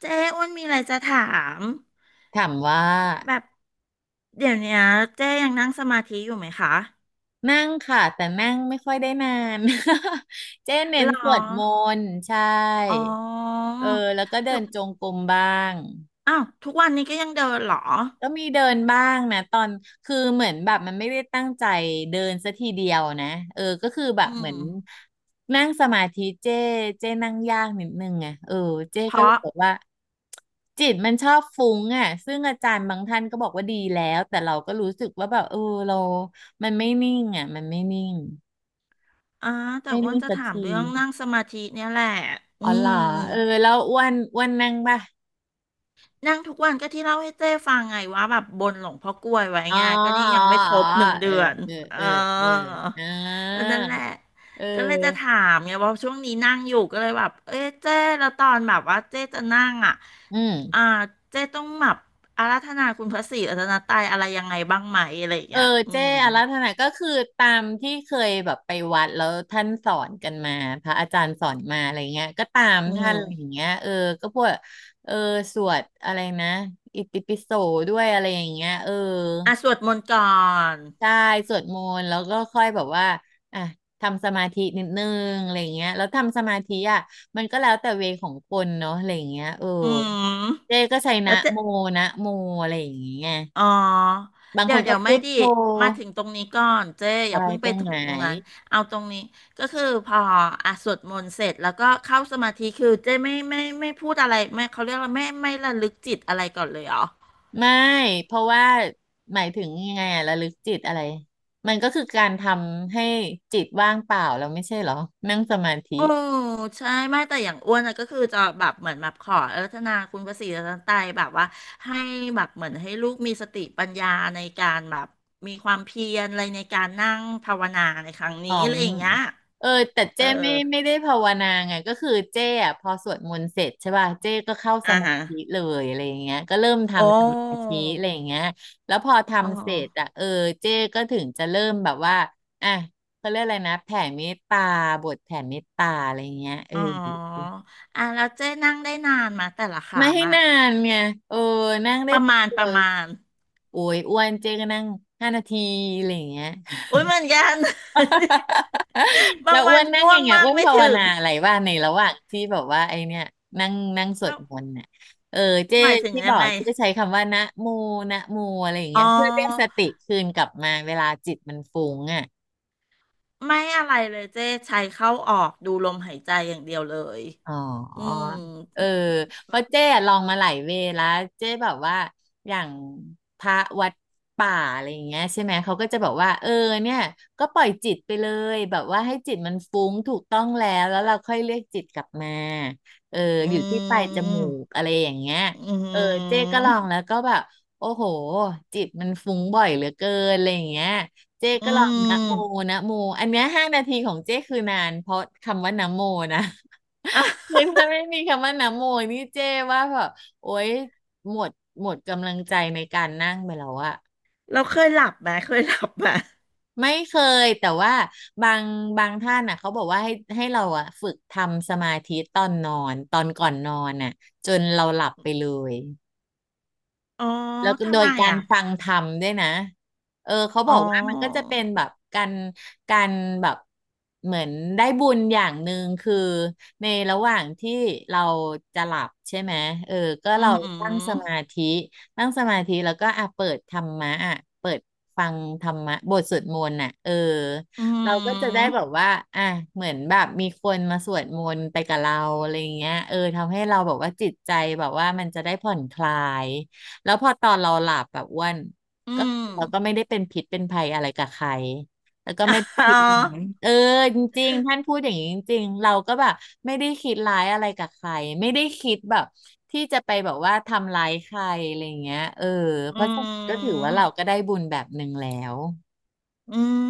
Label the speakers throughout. Speaker 1: เจ๊อ้วนมีอะไรจะถาม
Speaker 2: ถามว่า
Speaker 1: แบบเดี๋ยวเนี้ยเจ๊ยังนั่งสมาธิอยู่ไหมคะ
Speaker 2: นั่งค่ะแต่นั่งไม่ค่อยได้นาน เจ๊เน้
Speaker 1: หร
Speaker 2: น
Speaker 1: อ
Speaker 2: สวดมนต์ใช่
Speaker 1: อ๋อ
Speaker 2: เออแล้วก็
Speaker 1: แต่
Speaker 2: เดินจงกรมบ้าง
Speaker 1: อ้าวทุกวันนี้ก็ยังเดินเหรอ
Speaker 2: ก็มีเดินบ้างนะตอนคือเหมือนแบบมันไม่ได้ตั้งใจเดินซะทีเดียวนะเออก็คือแบ
Speaker 1: อื
Speaker 2: บเหมื
Speaker 1: ม
Speaker 2: อนนั่งสมาธิเจ้เจ้นั่งยากนิดนึงไงเออเจ้
Speaker 1: เพ
Speaker 2: ก็เลย
Speaker 1: ราะ
Speaker 2: บอกว่าจิตมันชอบฟุ้งอ่ะซึ่งอาจารย์บางท่านก็บอกว่าดีแล้วแต่เราก็รู้สึกว่าแบบเออเรามันไม่นิ่งอ่ะมันไม่นิ่ง
Speaker 1: อ่าแต่
Speaker 2: ไม่
Speaker 1: อ้วน
Speaker 2: นิ่ง
Speaker 1: จะ
Speaker 2: สัก
Speaker 1: ถาม
Speaker 2: ที
Speaker 1: เรื่องนั่งสมาธิเนี่ยแหละอื
Speaker 2: อ๋อเหรอ
Speaker 1: ม
Speaker 2: เออแล้วอ้วนอ้วนนั่งป่ะ
Speaker 1: นั่งทุกวันก็ที่เล่าให้เจ้ฟังไงว่าแบบบนหลวงพ่อกล้วยไว้
Speaker 2: อ๋อ
Speaker 1: ไงก็นี่
Speaker 2: อ๋อ
Speaker 1: ยังไม่ค
Speaker 2: อ๋
Speaker 1: ร
Speaker 2: อ
Speaker 1: บหนึ่ง
Speaker 2: เอ
Speaker 1: เดื
Speaker 2: อ
Speaker 1: อน
Speaker 2: เออ
Speaker 1: เอ
Speaker 2: เออเออ
Speaker 1: อ
Speaker 2: อ่า
Speaker 1: ก็นั่นแหละ
Speaker 2: เอ
Speaker 1: ก็เลยจะถ
Speaker 2: อ
Speaker 1: ามไงว่าช่วงนี้นั่งอยู่ก็เลยแบบเอ้ยเจ้แล้วตอนแบบว่าเจ้จะนั่งอ่ะ
Speaker 2: อืม
Speaker 1: อ่าเจ้ต้องแบบอาราธนาคุณพระศรีรัตนตรัยอะไรยังไงบ้างไหมอะไรอย่าง
Speaker 2: เออ
Speaker 1: เงี้ยอื
Speaker 2: เจ้
Speaker 1: ม
Speaker 2: อาราธนาก็คือตามที่เคยแบบไปวัดแล้วท่านสอนกันมา พระอาจารย์สอนมาอะไรเงี้ยก็ตาม
Speaker 1: อื
Speaker 2: ท่านอะไรอย่าง
Speaker 1: ม
Speaker 2: เงี้ยเออก็พวกเออสวดอะไรนะอิติปิโสด้วยอะไรอย่างเงี้ยเออ
Speaker 1: อ่ะสวดมนต์ก่อน
Speaker 2: ใช่สวดมนต์แล้วก็ค่อยแบบว่าอ่ะทำสมาธินิดนึงอะไรเงี้ยแล้วทำสมาธิอ่ะมันก็แล้วแต่เวของคนเนาะอะไรเงี้ยเออ
Speaker 1: อืม
Speaker 2: เจ้ก็ใช้
Speaker 1: แล้
Speaker 2: นะ
Speaker 1: วเจ้
Speaker 2: โมนะโมอะไรอย่างเงี้ย
Speaker 1: อ๋อ
Speaker 2: บางค
Speaker 1: เดี๋ย
Speaker 2: น
Speaker 1: ว
Speaker 2: ก็
Speaker 1: เดี๋ยว
Speaker 2: พุ
Speaker 1: ไม่
Speaker 2: ท
Speaker 1: ดี
Speaker 2: โธ
Speaker 1: มาถึงตรงนี้ก่อนเจ๊อ
Speaker 2: อะ
Speaker 1: ย่า
Speaker 2: ไร
Speaker 1: เพิ่ง
Speaker 2: ต
Speaker 1: ไป
Speaker 2: รง
Speaker 1: ถึ
Speaker 2: ไหน
Speaker 1: งตรงนั้นเอาตรงนี้ก็คือพออ่ะสวดมนต์เสร็จแล้วก็เข้าสมาธิคือเจ๊ไม่พูดอะไรไม่เขาเรียกว่าไม่ระลึกจิตอะไรก่อนเลยเหรอ
Speaker 2: ไม่เพราะว่าหมายถึงยังไงอะระลึกจิตอะไรมันก็คือการทำให้จิตว่างเปล่าเราไม่ใช่เหรอนั่งสมาธิ
Speaker 1: โอ้ใช่ไม่แต่อย่างอ้วนอะก็คือจะแบบเหมือนแบบขออรัตนาคุณพระศรีรัตนตรัยแบบว่าให้แบบเหมือนให้ลูกมีสติปัญญาในการแบบมีความเพียรอะไรในการนั่งภาวนาในครั้ง
Speaker 2: อ๋
Speaker 1: นี้
Speaker 2: อ
Speaker 1: อะ
Speaker 2: ม
Speaker 1: ไรอย่างเงี้ย
Speaker 2: เออแต่
Speaker 1: เอ
Speaker 2: เจ้ไม่
Speaker 1: อ
Speaker 2: ได้ภาวนาไงก็คือเจ้อะพอสวดมนต์เสร็จใช่ป่ะเจ้ก็เข้าส
Speaker 1: อ่า
Speaker 2: มา
Speaker 1: ฮะ
Speaker 2: ธิเลยอะไรอย่างเงี้ยก็เริ่ม
Speaker 1: โอ้
Speaker 2: ทำสมาธิอะไรอย่างเงี้ยแล้วพอ
Speaker 1: อ๋อ
Speaker 2: ทำเสร็จอะเออเจ้ก็ถึงจะเริ่มแบบว่าอ่ะเขาเรียกอะไรนะแผ่เมตตาบทแผ่เมตตาอะไรอย่างเงี้ยเออ
Speaker 1: อ๋ออ่ะแล้วเจ๊นั่งได้นานมาแต่ละค
Speaker 2: ไม่
Speaker 1: รั้ง
Speaker 2: ให้
Speaker 1: อะ
Speaker 2: นานไงเออนั่งได้
Speaker 1: ประ
Speaker 2: แป๊บ
Speaker 1: มาณ
Speaker 2: เดี
Speaker 1: ป
Speaker 2: ย
Speaker 1: ระ
Speaker 2: ว
Speaker 1: มาณ
Speaker 2: โอ้ยอ้วนเจ๊ก็นั่งห้านาทีอะไรอย่างเงี้ย
Speaker 1: อุ้ยเหมือนกัน บา
Speaker 2: แล้
Speaker 1: ง
Speaker 2: วอ้
Speaker 1: วั
Speaker 2: ว
Speaker 1: น
Speaker 2: นนั่ง
Speaker 1: ง่ว
Speaker 2: ยั
Speaker 1: ง
Speaker 2: งไง
Speaker 1: มา
Speaker 2: อ้
Speaker 1: ก
Speaker 2: วน
Speaker 1: ไม่
Speaker 2: ภาว
Speaker 1: ถึง
Speaker 2: นาอะไรว่าในระหว่างที่แบบว่าไอเนี่ยนั่งนั่งส
Speaker 1: เพ
Speaker 2: วด
Speaker 1: ราะ
Speaker 2: มนต์น่ะเออเจ๊
Speaker 1: หมายถึง
Speaker 2: ที่บ
Speaker 1: ยั
Speaker 2: อ
Speaker 1: ง
Speaker 2: ก
Speaker 1: ไง
Speaker 2: เจ๊ใช้คำว่านะโมนะโมอะไรอย่าง
Speaker 1: อ๋
Speaker 2: เงี้
Speaker 1: อ
Speaker 2: ยเพื่อเรียกสติคืนกลับมาเวลาจิตมันฟุ้งอ่ะ
Speaker 1: ไม่อะไรเลยเจ๊ใช้เข้าออกดูลมหายใจอย่างเดียวเลย
Speaker 2: อ๋อ
Speaker 1: อืม
Speaker 2: เออ เพราะ
Speaker 1: แบบ
Speaker 2: เจ๊อะลองมาหลายเวย์แล้วเจ๊แบบว่าอย่างพระวัดป่าอะไรอย่างเงี้ยใช่ไหมเขาก็จะบอกว่าเออเนี่ยก็ปล่อยจิตไปเลยแบบว่าให้จิตมันฟุ้งถูกต้องแล้วแล้วเราค่อยเรียกจิตกลับมาเออ
Speaker 1: อื
Speaker 2: อยู่ที่ปลายจมูก
Speaker 1: ม
Speaker 2: อะไรอย่างเงี้ย
Speaker 1: อื
Speaker 2: เออเจ๊
Speaker 1: ม
Speaker 2: ก็ลองแล้วก็แบบโอ้โหจิตมันฟุ้งบ่อยเหลือเกินอะไรอย่างเงี้ยเจ๊
Speaker 1: อื
Speaker 2: ก็ลองนะโม
Speaker 1: ม
Speaker 2: นะโมอันเนี้ยห้านาทีของเจ๊คือนานเพราะคำว่านะโมนะ
Speaker 1: อ่ะ
Speaker 2: คือถ้าไม่มีคำว่านะโมนี่เจ้ว่าแบบโอ๊ยหมดหมดกำลังใจในการนั่งไปแล้วอะ
Speaker 1: เราเคยหลับไหมเคยหลับไหม
Speaker 2: ไม่เคยแต่ว่าบางบางท่านน่ะเขาบอกว่าให้เราอะฝึกทำสมาธิตอนนอนตอนก่อนนอนน่ะจนเราหลับไปเลย
Speaker 1: อ๋อ
Speaker 2: แล้วก็โด
Speaker 1: ทำ
Speaker 2: ย
Speaker 1: ไม
Speaker 2: การ
Speaker 1: อ่ะ
Speaker 2: ฟังธรรมด้วยนะเออเขาบ
Speaker 1: อ๋อ
Speaker 2: อกว่ามันก็จะเป็นแบบการการแบบเหมือนได้บุญอย่างหนึ่งคือในระหว่างที่เราจะหลับใช่ไหมเออก็
Speaker 1: อื
Speaker 2: เราตั้งส
Speaker 1: ม
Speaker 2: มาธิตั้งสมาธิแล้วก็อ่ะเปิดธรรมะอ่ะเปิดฟังธรรมะบทสวดมนต์น่ะเออ
Speaker 1: อื
Speaker 2: เราก็จะได้
Speaker 1: ม
Speaker 2: แบบว่าอ่ะเหมือนแบบมีคนมาสวดมนต์ไปกับเราอะไรอย่างเงี้ยเออทำให้เราแบบว่าจิตใจแบบว่ามันจะได้ผ่อนคลาย แล้วพอตอนเราหลับแบบอ้วน
Speaker 1: อื
Speaker 2: ก็
Speaker 1: ม
Speaker 2: เราก็ไม่ได้เป็นพิษเป็นภัยอะไรกับใครแล้วก็ไม่ได้
Speaker 1: อ๋
Speaker 2: คิดร้าย
Speaker 1: อ
Speaker 2: เออจริงๆท่านพูดอย่างนี้จริงๆเราก็แบบไม่ได้คิดร้ายอะไรกับใครไม่ได้คิดแบบที่จะไปแบบว่าทำร้ายใครอะไรเงี้ยเออ
Speaker 1: อื
Speaker 2: เพราะฉะนั้นก็ถือว่าเราก็
Speaker 1: ม
Speaker 2: ได้บุญแบบหนึ่งแล้ว
Speaker 1: อืม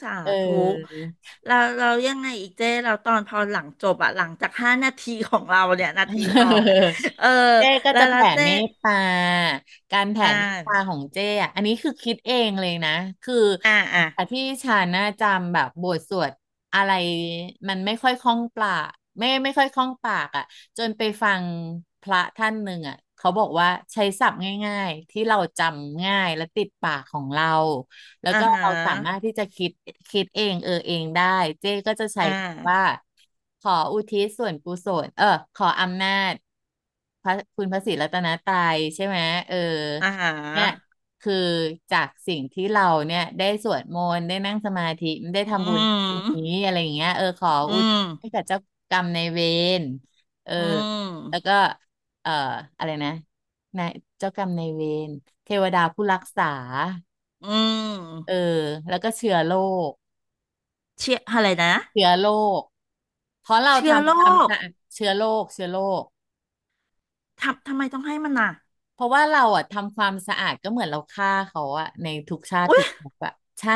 Speaker 1: สา
Speaker 2: เอ
Speaker 1: ธุ
Speaker 2: อ
Speaker 1: เราเรายังไงอีกเจ้เราตอนพอหลังจบอะหลังจาก5 นาทีของเราเนี่ยนาทีทองเนี่ยเออ
Speaker 2: เจ้ก็
Speaker 1: แล้ว
Speaker 2: จะ
Speaker 1: แล้ว
Speaker 2: แผ่
Speaker 1: เจ้
Speaker 2: เมตตาการแผ่
Speaker 1: อ่
Speaker 2: เมตตาขอ
Speaker 1: า
Speaker 2: งเจ้อะอันนี้คือคิดเองเลยนะคือ
Speaker 1: อ่าอ่า
Speaker 2: แต่ที่ฉันน่ะจำแบบบทสวดอะไรมันไม่ค่อยคล่องปากไม่ค่อยคล่องปากอ่ะจนไปฟังพระท่านหนึ่งอ่ะเขาบอกว่าใช้ศัพท์ง่ายๆที่เราจำง่ายและติดปากของเรา แล้ว
Speaker 1: อ่า
Speaker 2: ก็
Speaker 1: ฮะ
Speaker 2: เราสามารถที่จะคิดคิดเองเออเองได้เจ๊ก็จะใช้
Speaker 1: อ่า
Speaker 2: คำว่าขออุทิศส่วนกุศลเออขออำนาจพระคุณพระศรีรัตนตรัยใช่ไหมเออ
Speaker 1: อ่าฮะ
Speaker 2: เนี่ยคือจากสิ่งที่เราเนี่ยได้สวดมนต์ได้นั่งสมาธิได้
Speaker 1: อื
Speaker 2: ทำบุญนี้
Speaker 1: ม
Speaker 2: อะไรอย่างเงี้ยเออขอ
Speaker 1: อื
Speaker 2: อุทิศ
Speaker 1: ม
Speaker 2: ให้กับเจ้ากรรมนายเวรเออ
Speaker 1: อื
Speaker 2: แล้วก็
Speaker 1: ม
Speaker 2: เอ่ออะไรนะนายเจ้ากรรมนายเวรเทวดาผู้รักษา
Speaker 1: อื
Speaker 2: เออ
Speaker 1: ม
Speaker 2: แล้วก็เชื้อโรค
Speaker 1: เชื่ออะไรนะ
Speaker 2: เชื้อโรคเพราะเรา
Speaker 1: เชื้อโร
Speaker 2: ทำความ
Speaker 1: ค
Speaker 2: สะอาดเชื้อโรคค
Speaker 1: ทำทำไมต้องให้มันน่ะ
Speaker 2: เพราะว่าเราอ่ะทำความสะอาดก็เหมือนเราฆ่าเขาอ่ะในทุกชาติ
Speaker 1: อุ้
Speaker 2: ทุ
Speaker 1: ย
Speaker 2: กภพอ่ะใช่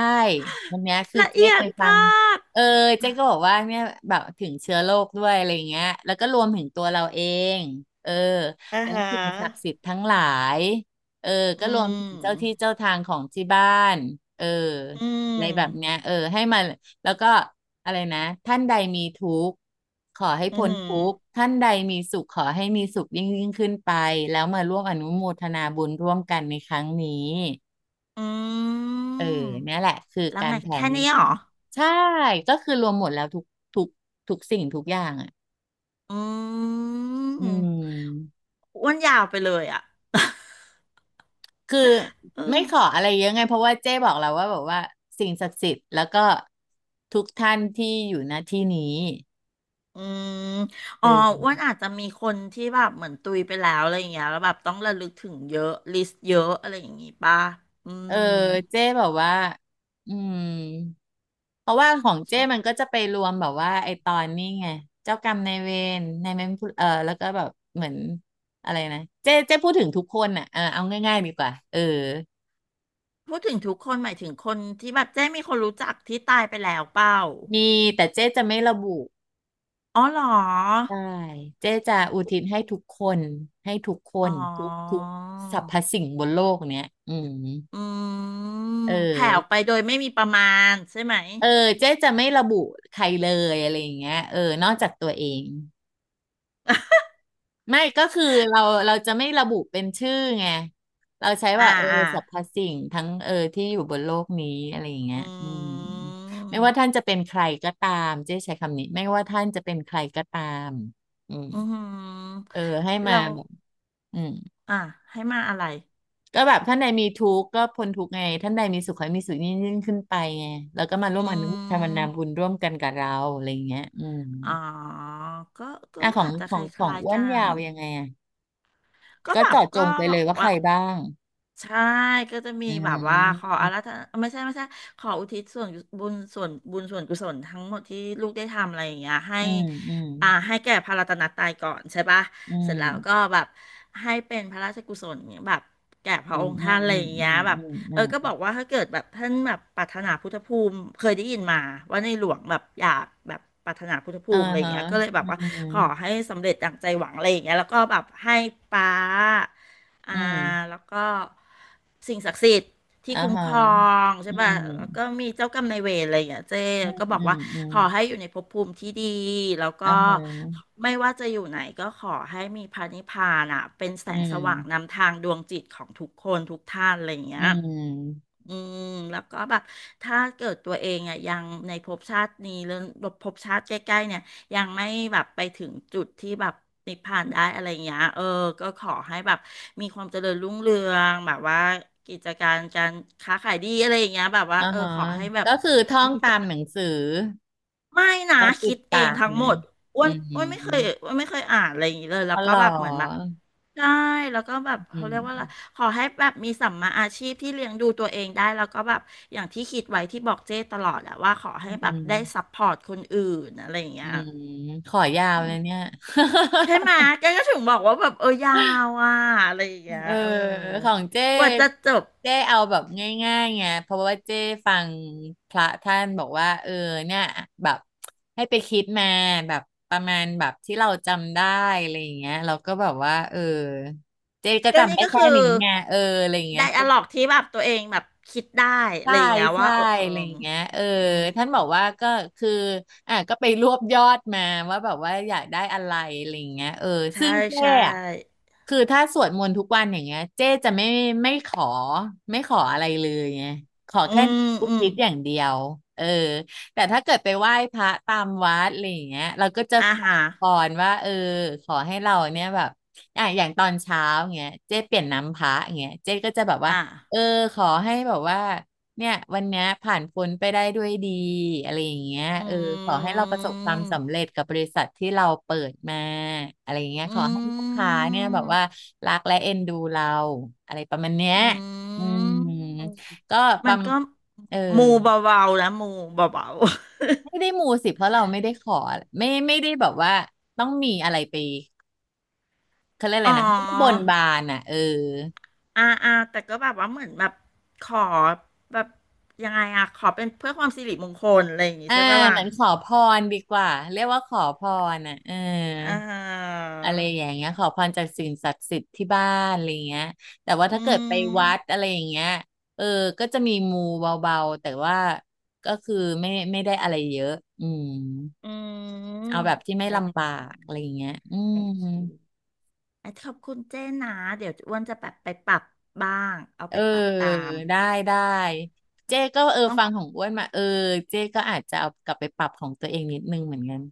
Speaker 2: วันเนี้ยคือ
Speaker 1: ละ
Speaker 2: เจ๊
Speaker 1: เอีย
Speaker 2: ไป
Speaker 1: ด
Speaker 2: ฟัง
Speaker 1: มาก
Speaker 2: เออเจ๊ก็บอกว่าเนี่ยแบบถึงเชื้อโรคด้วยอะไรเงี้ยแล้วก็รวมถึงตัวเราเองเออ
Speaker 1: อ่า
Speaker 2: แล้
Speaker 1: ฮ
Speaker 2: วสิ่งศักดิ์สิ
Speaker 1: ะ
Speaker 2: ทธิ์ทั้งหลายเออ
Speaker 1: อื
Speaker 2: ก็รวมถึงเจ้าที่
Speaker 1: ม
Speaker 2: เจ้าทางของที่บ้านเออ
Speaker 1: อื
Speaker 2: อะ
Speaker 1: ม
Speaker 2: ไรแบบเนี้ยเออให้มา แล้วก็อะไรนะท่านใดมีทุกข์ขอให้
Speaker 1: อือ
Speaker 2: พ้น
Speaker 1: หือ
Speaker 2: ทุกข์ท่านใดมีสุขขอให้มีสุขยิ่งยิ่งขึ้นไปแล้วมาร่วมอนุโมทนาบุญร่วมกันในครั้งนี้
Speaker 1: อื
Speaker 2: เออ
Speaker 1: ม
Speaker 2: เนี่ยแหละคือ
Speaker 1: แล้ว
Speaker 2: กา
Speaker 1: ไง
Speaker 2: รแผ่
Speaker 1: แค่
Speaker 2: เม
Speaker 1: นี้
Speaker 2: ต
Speaker 1: เหร
Speaker 2: ตา
Speaker 1: อ
Speaker 2: ใช่ก็คือรวมหมดแล้วทุกทุกสิ่งทุกอย่างอ่ะ
Speaker 1: อื
Speaker 2: อื
Speaker 1: ม
Speaker 2: ม
Speaker 1: อ้วนยาวไปเลยอ่ะ
Speaker 2: คือ ไม่
Speaker 1: เออ
Speaker 2: ขออะไรเยอะไงเพราะว่าเจ๊บอกเราว่าแบบว่าสิ่งศักดิ์สิทธิ์แล้วก็ทุกท่านที่อยู่ณที่นี้
Speaker 1: อืม
Speaker 2: เ
Speaker 1: อ๋ออ้วน
Speaker 2: ออ
Speaker 1: อาจจะมีคนที่แบบเหมือนตุยไปแล้วอะไรอย่างเงี้ยแล้วแบบต้องระลึกถึงเยอะลิสต์เยอะอะไรอย่างงี้ป่ะอื
Speaker 2: เออ
Speaker 1: ม
Speaker 2: เจ๊แบบว่าอืมเพราะว่าของเจ้มัน
Speaker 1: ใช่
Speaker 2: ก็จะไปรวมแบบว่าไอตอนนี้ไงเจ้ากรรมนายเวรนายเวรผู้แล้วก็แบบเหมือนอะไรนะเจ้พูดถึงทุกคนอ่ะเออเอาง่ายๆดีกว่าเออ
Speaker 1: พูดถึงทุกคนหมายถึงคนที่แบบเจ๊มีคนรู้จักที่ตายไปแล้วเปล่า
Speaker 2: มีแต่เจ้จะไม่ระบุ
Speaker 1: อ๋อเหรอ
Speaker 2: ได้เจ้จะอุทิศให้ทุกคนให้ทุกค
Speaker 1: อ๋อ
Speaker 2: นทุกทุกสรรพสิ่งบนโลกเนี้ยอืม
Speaker 1: อืม
Speaker 2: เอ
Speaker 1: แผ่ออกไป
Speaker 2: อ
Speaker 1: โดยไม่มีประมาณใช่ไหม
Speaker 2: เออเจ๊จะไม่ระบุใครเลยอะไรอย่างเงี้ยเออนอกจากตัวเอง ไม่ก็คือเราเราจะไม่ระบุเป็นชื่อไงเราใช้
Speaker 1: อ่า
Speaker 2: ว่าเออ
Speaker 1: อ่า
Speaker 2: สรรพสิ่งทั้งเออที่อยู่บนโลกนี้อะไรอย่างเงี้ย
Speaker 1: อื
Speaker 2: อืมไม่ว่าท่า
Speaker 1: ม
Speaker 2: นจะเป็นใครก็ตามเจ๊ใช้คำนี้ไม่ว่าท่านจะเป็นใครก็ตามอืม
Speaker 1: อืม
Speaker 2: เออให้มา
Speaker 1: เรา
Speaker 2: แบบอืม
Speaker 1: อ่า ให้มาอะไร
Speaker 2: ก็แบบท่านใดมีทุกข์ก็พ้นทุกข์ไงท่านใดมีสุขให้มีสุขยิ่งยิ่งขึ้นไปไงแล้วก็มาร่วม
Speaker 1: อื
Speaker 2: อนุโมทนา
Speaker 1: ม
Speaker 2: บุญร่วมกันกับเราอะไรอย่างเงี้ยอืม
Speaker 1: อ๋อ ก็ก็
Speaker 2: อ่ะ
Speaker 1: อาจจะคล
Speaker 2: ของ
Speaker 1: ้าย
Speaker 2: อ้
Speaker 1: ๆ
Speaker 2: วน
Speaker 1: กั
Speaker 2: ยา
Speaker 1: น
Speaker 2: วยังไงอ่ะ
Speaker 1: ก็
Speaker 2: ก็
Speaker 1: แบบ
Speaker 2: เจาะจ
Speaker 1: ก็
Speaker 2: งไป
Speaker 1: แบ
Speaker 2: เล
Speaker 1: บ
Speaker 2: ยว่าใค
Speaker 1: ว่า
Speaker 2: รบ้าง
Speaker 1: ใช่ก็จะมี
Speaker 2: อื
Speaker 1: แบบว่าขอ
Speaker 2: ม
Speaker 1: อาราธนาไม่ใช่ขออุทิศส่วนบุญส่วนกุศลทั้งหมดที่ลูกได้ทำอะไรอย่างเงี้ยให้
Speaker 2: อืมอืม
Speaker 1: อ่าให้แก่พระรัตนตรัยก่อนใช่ปะ
Speaker 2: อื
Speaker 1: เสร็
Speaker 2: ม
Speaker 1: จแล้วก็แบบให้เป็นพระราชกุศลแบบแก่พระ
Speaker 2: อื
Speaker 1: อ
Speaker 2: ม
Speaker 1: งค์
Speaker 2: อืม
Speaker 1: ท่านอะไร
Speaker 2: อื
Speaker 1: อ
Speaker 2: ม
Speaker 1: ย่าง
Speaker 2: อื
Speaker 1: เงี้ย
Speaker 2: ม
Speaker 1: แบบ
Speaker 2: อืมอ
Speaker 1: เออก็
Speaker 2: ื
Speaker 1: บอ
Speaker 2: ม
Speaker 1: กว่าถ้าเกิดแบบท่านแบบปรารถนาพุทธภูมิเคยได้ยินมาว่าในหลวงแบบอยากแบบปรารถนาพุทธภู
Speaker 2: อ่า
Speaker 1: มิอะไรอย่า
Speaker 2: ฮะ
Speaker 1: งเงี้ยก็เลยแบ
Speaker 2: อื
Speaker 1: บว่า
Speaker 2: ม
Speaker 1: ขอให้สำเร็จดังใจหวังอะไรอย่างเงี้ยแล้วก็แบบให้ป้า อ่า
Speaker 2: อืม
Speaker 1: แล้วก็สิ่งศักดิ์สิทธิ์ที่
Speaker 2: อ่า
Speaker 1: คุ้ม
Speaker 2: ฮะ
Speaker 1: ครองใช่
Speaker 2: อืม
Speaker 1: ป่ะแล้วก็
Speaker 2: อ
Speaker 1: มีเจ้ากรรมนายเวรอะไรอย่างเงี้ยเจ๊
Speaker 2: ืม
Speaker 1: ก็บอกว่า
Speaker 2: อื
Speaker 1: ขอให้
Speaker 2: ม
Speaker 1: อยู่ในภพภูมิที่ดีแล้วก็
Speaker 2: อ่าฮะ
Speaker 1: ไม่ว่าจะอยู่ไหนก็ขอให้มีพระนิพพานอ่ะเป็นแส
Speaker 2: อื
Speaker 1: งสว่าง
Speaker 2: ม
Speaker 1: นำทางดวงจิตของทุกคนทุกท่านอะไรอย่างเงี้
Speaker 2: อื
Speaker 1: ย
Speaker 2: ม
Speaker 1: อืมแล้วก็แบบถ้าเกิดตัวเองอ่ะยังในภพชาตินี้หรือภพชาติใกล้ๆเนี่ยยังไม่แบบไปถึงจุดที่แบบนิพพานได้อะไรอย่างเงี้ยเออก็ขอให้แบบมีความเจริญรุ่งเรืองแบบว่ากิจการการค้าขายดีอะไรอย่างเงี้ยแบบว่า
Speaker 2: อ่า
Speaker 1: เออ
Speaker 2: ฮะ
Speaker 1: ขอให้แบบ
Speaker 2: ก็คือท่องตามหนังสือ
Speaker 1: ไม่นะ
Speaker 2: เราติ
Speaker 1: คิ
Speaker 2: ด
Speaker 1: ดเอ
Speaker 2: ปา
Speaker 1: ง
Speaker 2: ก
Speaker 1: ทั้ง
Speaker 2: ไหม
Speaker 1: หมดอ้ว
Speaker 2: อื
Speaker 1: นอ้วนไม่เคย
Speaker 2: ม
Speaker 1: อ้วนไม่เคยอ่านอะไรอย่างนี้เลยแล้
Speaker 2: อ๋
Speaker 1: ว
Speaker 2: อเห
Speaker 1: ก็
Speaker 2: ร
Speaker 1: แบบเหมือนแบบ
Speaker 2: อ
Speaker 1: ใช่แล้วก็แบบ
Speaker 2: อื
Speaker 1: เขาเรียกว่าอะไร
Speaker 2: ม
Speaker 1: ขอให้แบบมีสัมมาอาชีพที่เลี้ยงดูตัวเองได้แล้วก็แบบอย่างที่คิดไว้ที่บอกเจ้ตลอดอะว่าขอให้
Speaker 2: อื
Speaker 1: แบบได้
Speaker 2: ม
Speaker 1: ซัพพอร์ตคนอื่นอะไรอย่าง
Speaker 2: อื
Speaker 1: เงี้ย
Speaker 2: มขอยาว
Speaker 1: อื
Speaker 2: เลย
Speaker 1: ม
Speaker 2: เนี่ย
Speaker 1: ใช่ไหมแกก็ถึงบอกว่าแบบเออยาวอะอะไรอย่างเงี้ย
Speaker 2: เออ
Speaker 1: อืม
Speaker 2: ของ
Speaker 1: กว่าจะจบ
Speaker 2: เจ้เอาแบบง่ายๆไงเพราะว่าเจ้ฟังพระท่านบอกว่าเออเนี่ยแบบให้ไปคิดมาแบบประมาณแบบที่เราจำได้อะไรอย่างเงี้ยเราก็แบบว่าเออเจ้ก็
Speaker 1: ก็
Speaker 2: จำ
Speaker 1: นี่
Speaker 2: ได้
Speaker 1: ก็
Speaker 2: แค่
Speaker 1: คือ
Speaker 2: นี้ไงเอออะไรอย่างเงี้
Speaker 1: ได
Speaker 2: ย
Speaker 1: อะล็อกที่แบบตัวเองแบบคิดได้อะ
Speaker 2: ใช่
Speaker 1: ไรอย่างเงี้ยว่า
Speaker 2: ใช่
Speaker 1: เออเออ
Speaker 2: อะไรอย่างเงี้ยเออ
Speaker 1: อืม
Speaker 2: ท่านบอกว่าก็คืออ่ะก็ไปรวบยอดมาว่าแบบว่าอยากได้อะไรอะไรอย่างเงี้ยเออ
Speaker 1: ใช่
Speaker 2: ซึ่งเจ้
Speaker 1: ใช่
Speaker 2: อะคือถ้าสวดมนต์ทุกวันอย่างเงี้ยเจ้จะไม่ไม่ขอไม่ขออะไรเลยไงขอ
Speaker 1: อื
Speaker 2: แค่
Speaker 1: ม
Speaker 2: อุ
Speaker 1: อืม
Speaker 2: ทิศอย่างเดียวเออแต่ถ้าเกิดไปไหว้พระตามวัดอะไรอย่างเงี้ยเราก็จะ
Speaker 1: อา
Speaker 2: ขอ
Speaker 1: หาร
Speaker 2: พรว่าเออขอให้เราเนี่ยแบบอ่ะอย่างตอนเช้าเงี้ยเจ้เปลี่ยนน้ำพระเงี้ยเจ้ก็จะแบบว่า
Speaker 1: อ่า
Speaker 2: เออขอให้แบบว่า เนี่ยวันเนี้ยผ่านพ้นไปได้ด้วยดีอะไรอย่างเงี้ย
Speaker 1: อ
Speaker 2: เออขอให้
Speaker 1: ื
Speaker 2: เราประสบความ
Speaker 1: ม
Speaker 2: สำเร็จกับบริษัทที่เราเปิดมาอะไรอย่างเงี้ยข
Speaker 1: อื
Speaker 2: อให้ลูกค้า
Speaker 1: ม
Speaker 2: เนี่ยแบบว่ารักและเอ็นดูเราอะไรประมาณเนี้ย
Speaker 1: อื
Speaker 2: อืม
Speaker 1: ม
Speaker 2: ก็ป
Speaker 1: มั
Speaker 2: ระ
Speaker 1: น
Speaker 2: ม
Speaker 1: ก็
Speaker 2: เออ
Speaker 1: มูเบาๆนะมูเบาๆ
Speaker 2: ไม่ได้มูสิเพราะเราไม่ได้ขอไม่ได้แบบว่าต้องมีอะไรไปเขาเรียก อะ
Speaker 1: อ๋
Speaker 2: ไร
Speaker 1: อ
Speaker 2: นะไม่ได้บนบานอ่ะเออ
Speaker 1: อ่าอ่าแต่ก็แบบว่าเหมือนแบบขอแบบยังไงอะขอเป็นเพื่อความสิริมงคลอะไรอย่างงี้
Speaker 2: อ่า
Speaker 1: ใช่ปะล่ะ
Speaker 2: เหมือนขอพรดีกว่าเรียกว่าขอพรอ่ะเออ
Speaker 1: อ่าฮะ
Speaker 2: อะไรอย่างเงี้ยขอพรจากสิ่งศักดิ์สิทธิ์ที่บ้านอะไรเงี้ยแต่ว่า
Speaker 1: อื
Speaker 2: ถ้าเกิดไปวัด
Speaker 1: ม
Speaker 2: อะไรอย่างเงี้ยเออก็จะมีมูเบาๆแต่ว่าก็คือไม่ได้อะไรเยอะอืม
Speaker 1: อื
Speaker 2: เอา
Speaker 1: ม
Speaker 2: แบบที่
Speaker 1: โอ
Speaker 2: ไม่ลำบา
Speaker 1: เค
Speaker 2: กอะไรอย่างเงี้ยอื
Speaker 1: โอเค
Speaker 2: ม
Speaker 1: อ่ะขอบคุณเจ้นะเดี๋ยวอ้วนจะแบบไปปรับบ้างเอา
Speaker 2: เอ
Speaker 1: ไป
Speaker 2: อ
Speaker 1: ปรับตาม
Speaker 2: ได้ได้เจ๊ก็เออ
Speaker 1: ต้อง
Speaker 2: ฟังของอ้วนมาเออเจ๊ก็อาจจะเอากลับไปปรับของตัวเองนิดนึงเหมือนกัน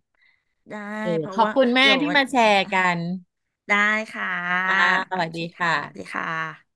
Speaker 1: ได้
Speaker 2: เออ
Speaker 1: เพราะ
Speaker 2: ขอบ
Speaker 1: ว่า
Speaker 2: คุณแม่
Speaker 1: เดี๋ยว
Speaker 2: ที่
Speaker 1: วัน
Speaker 2: มาแชร์กัน
Speaker 1: ได้ค่ะ
Speaker 2: ค่ะส
Speaker 1: โอ
Speaker 2: วัส
Speaker 1: เค
Speaker 2: ดี
Speaker 1: ค่ะ
Speaker 2: ค่ะ
Speaker 1: ดีค่ะ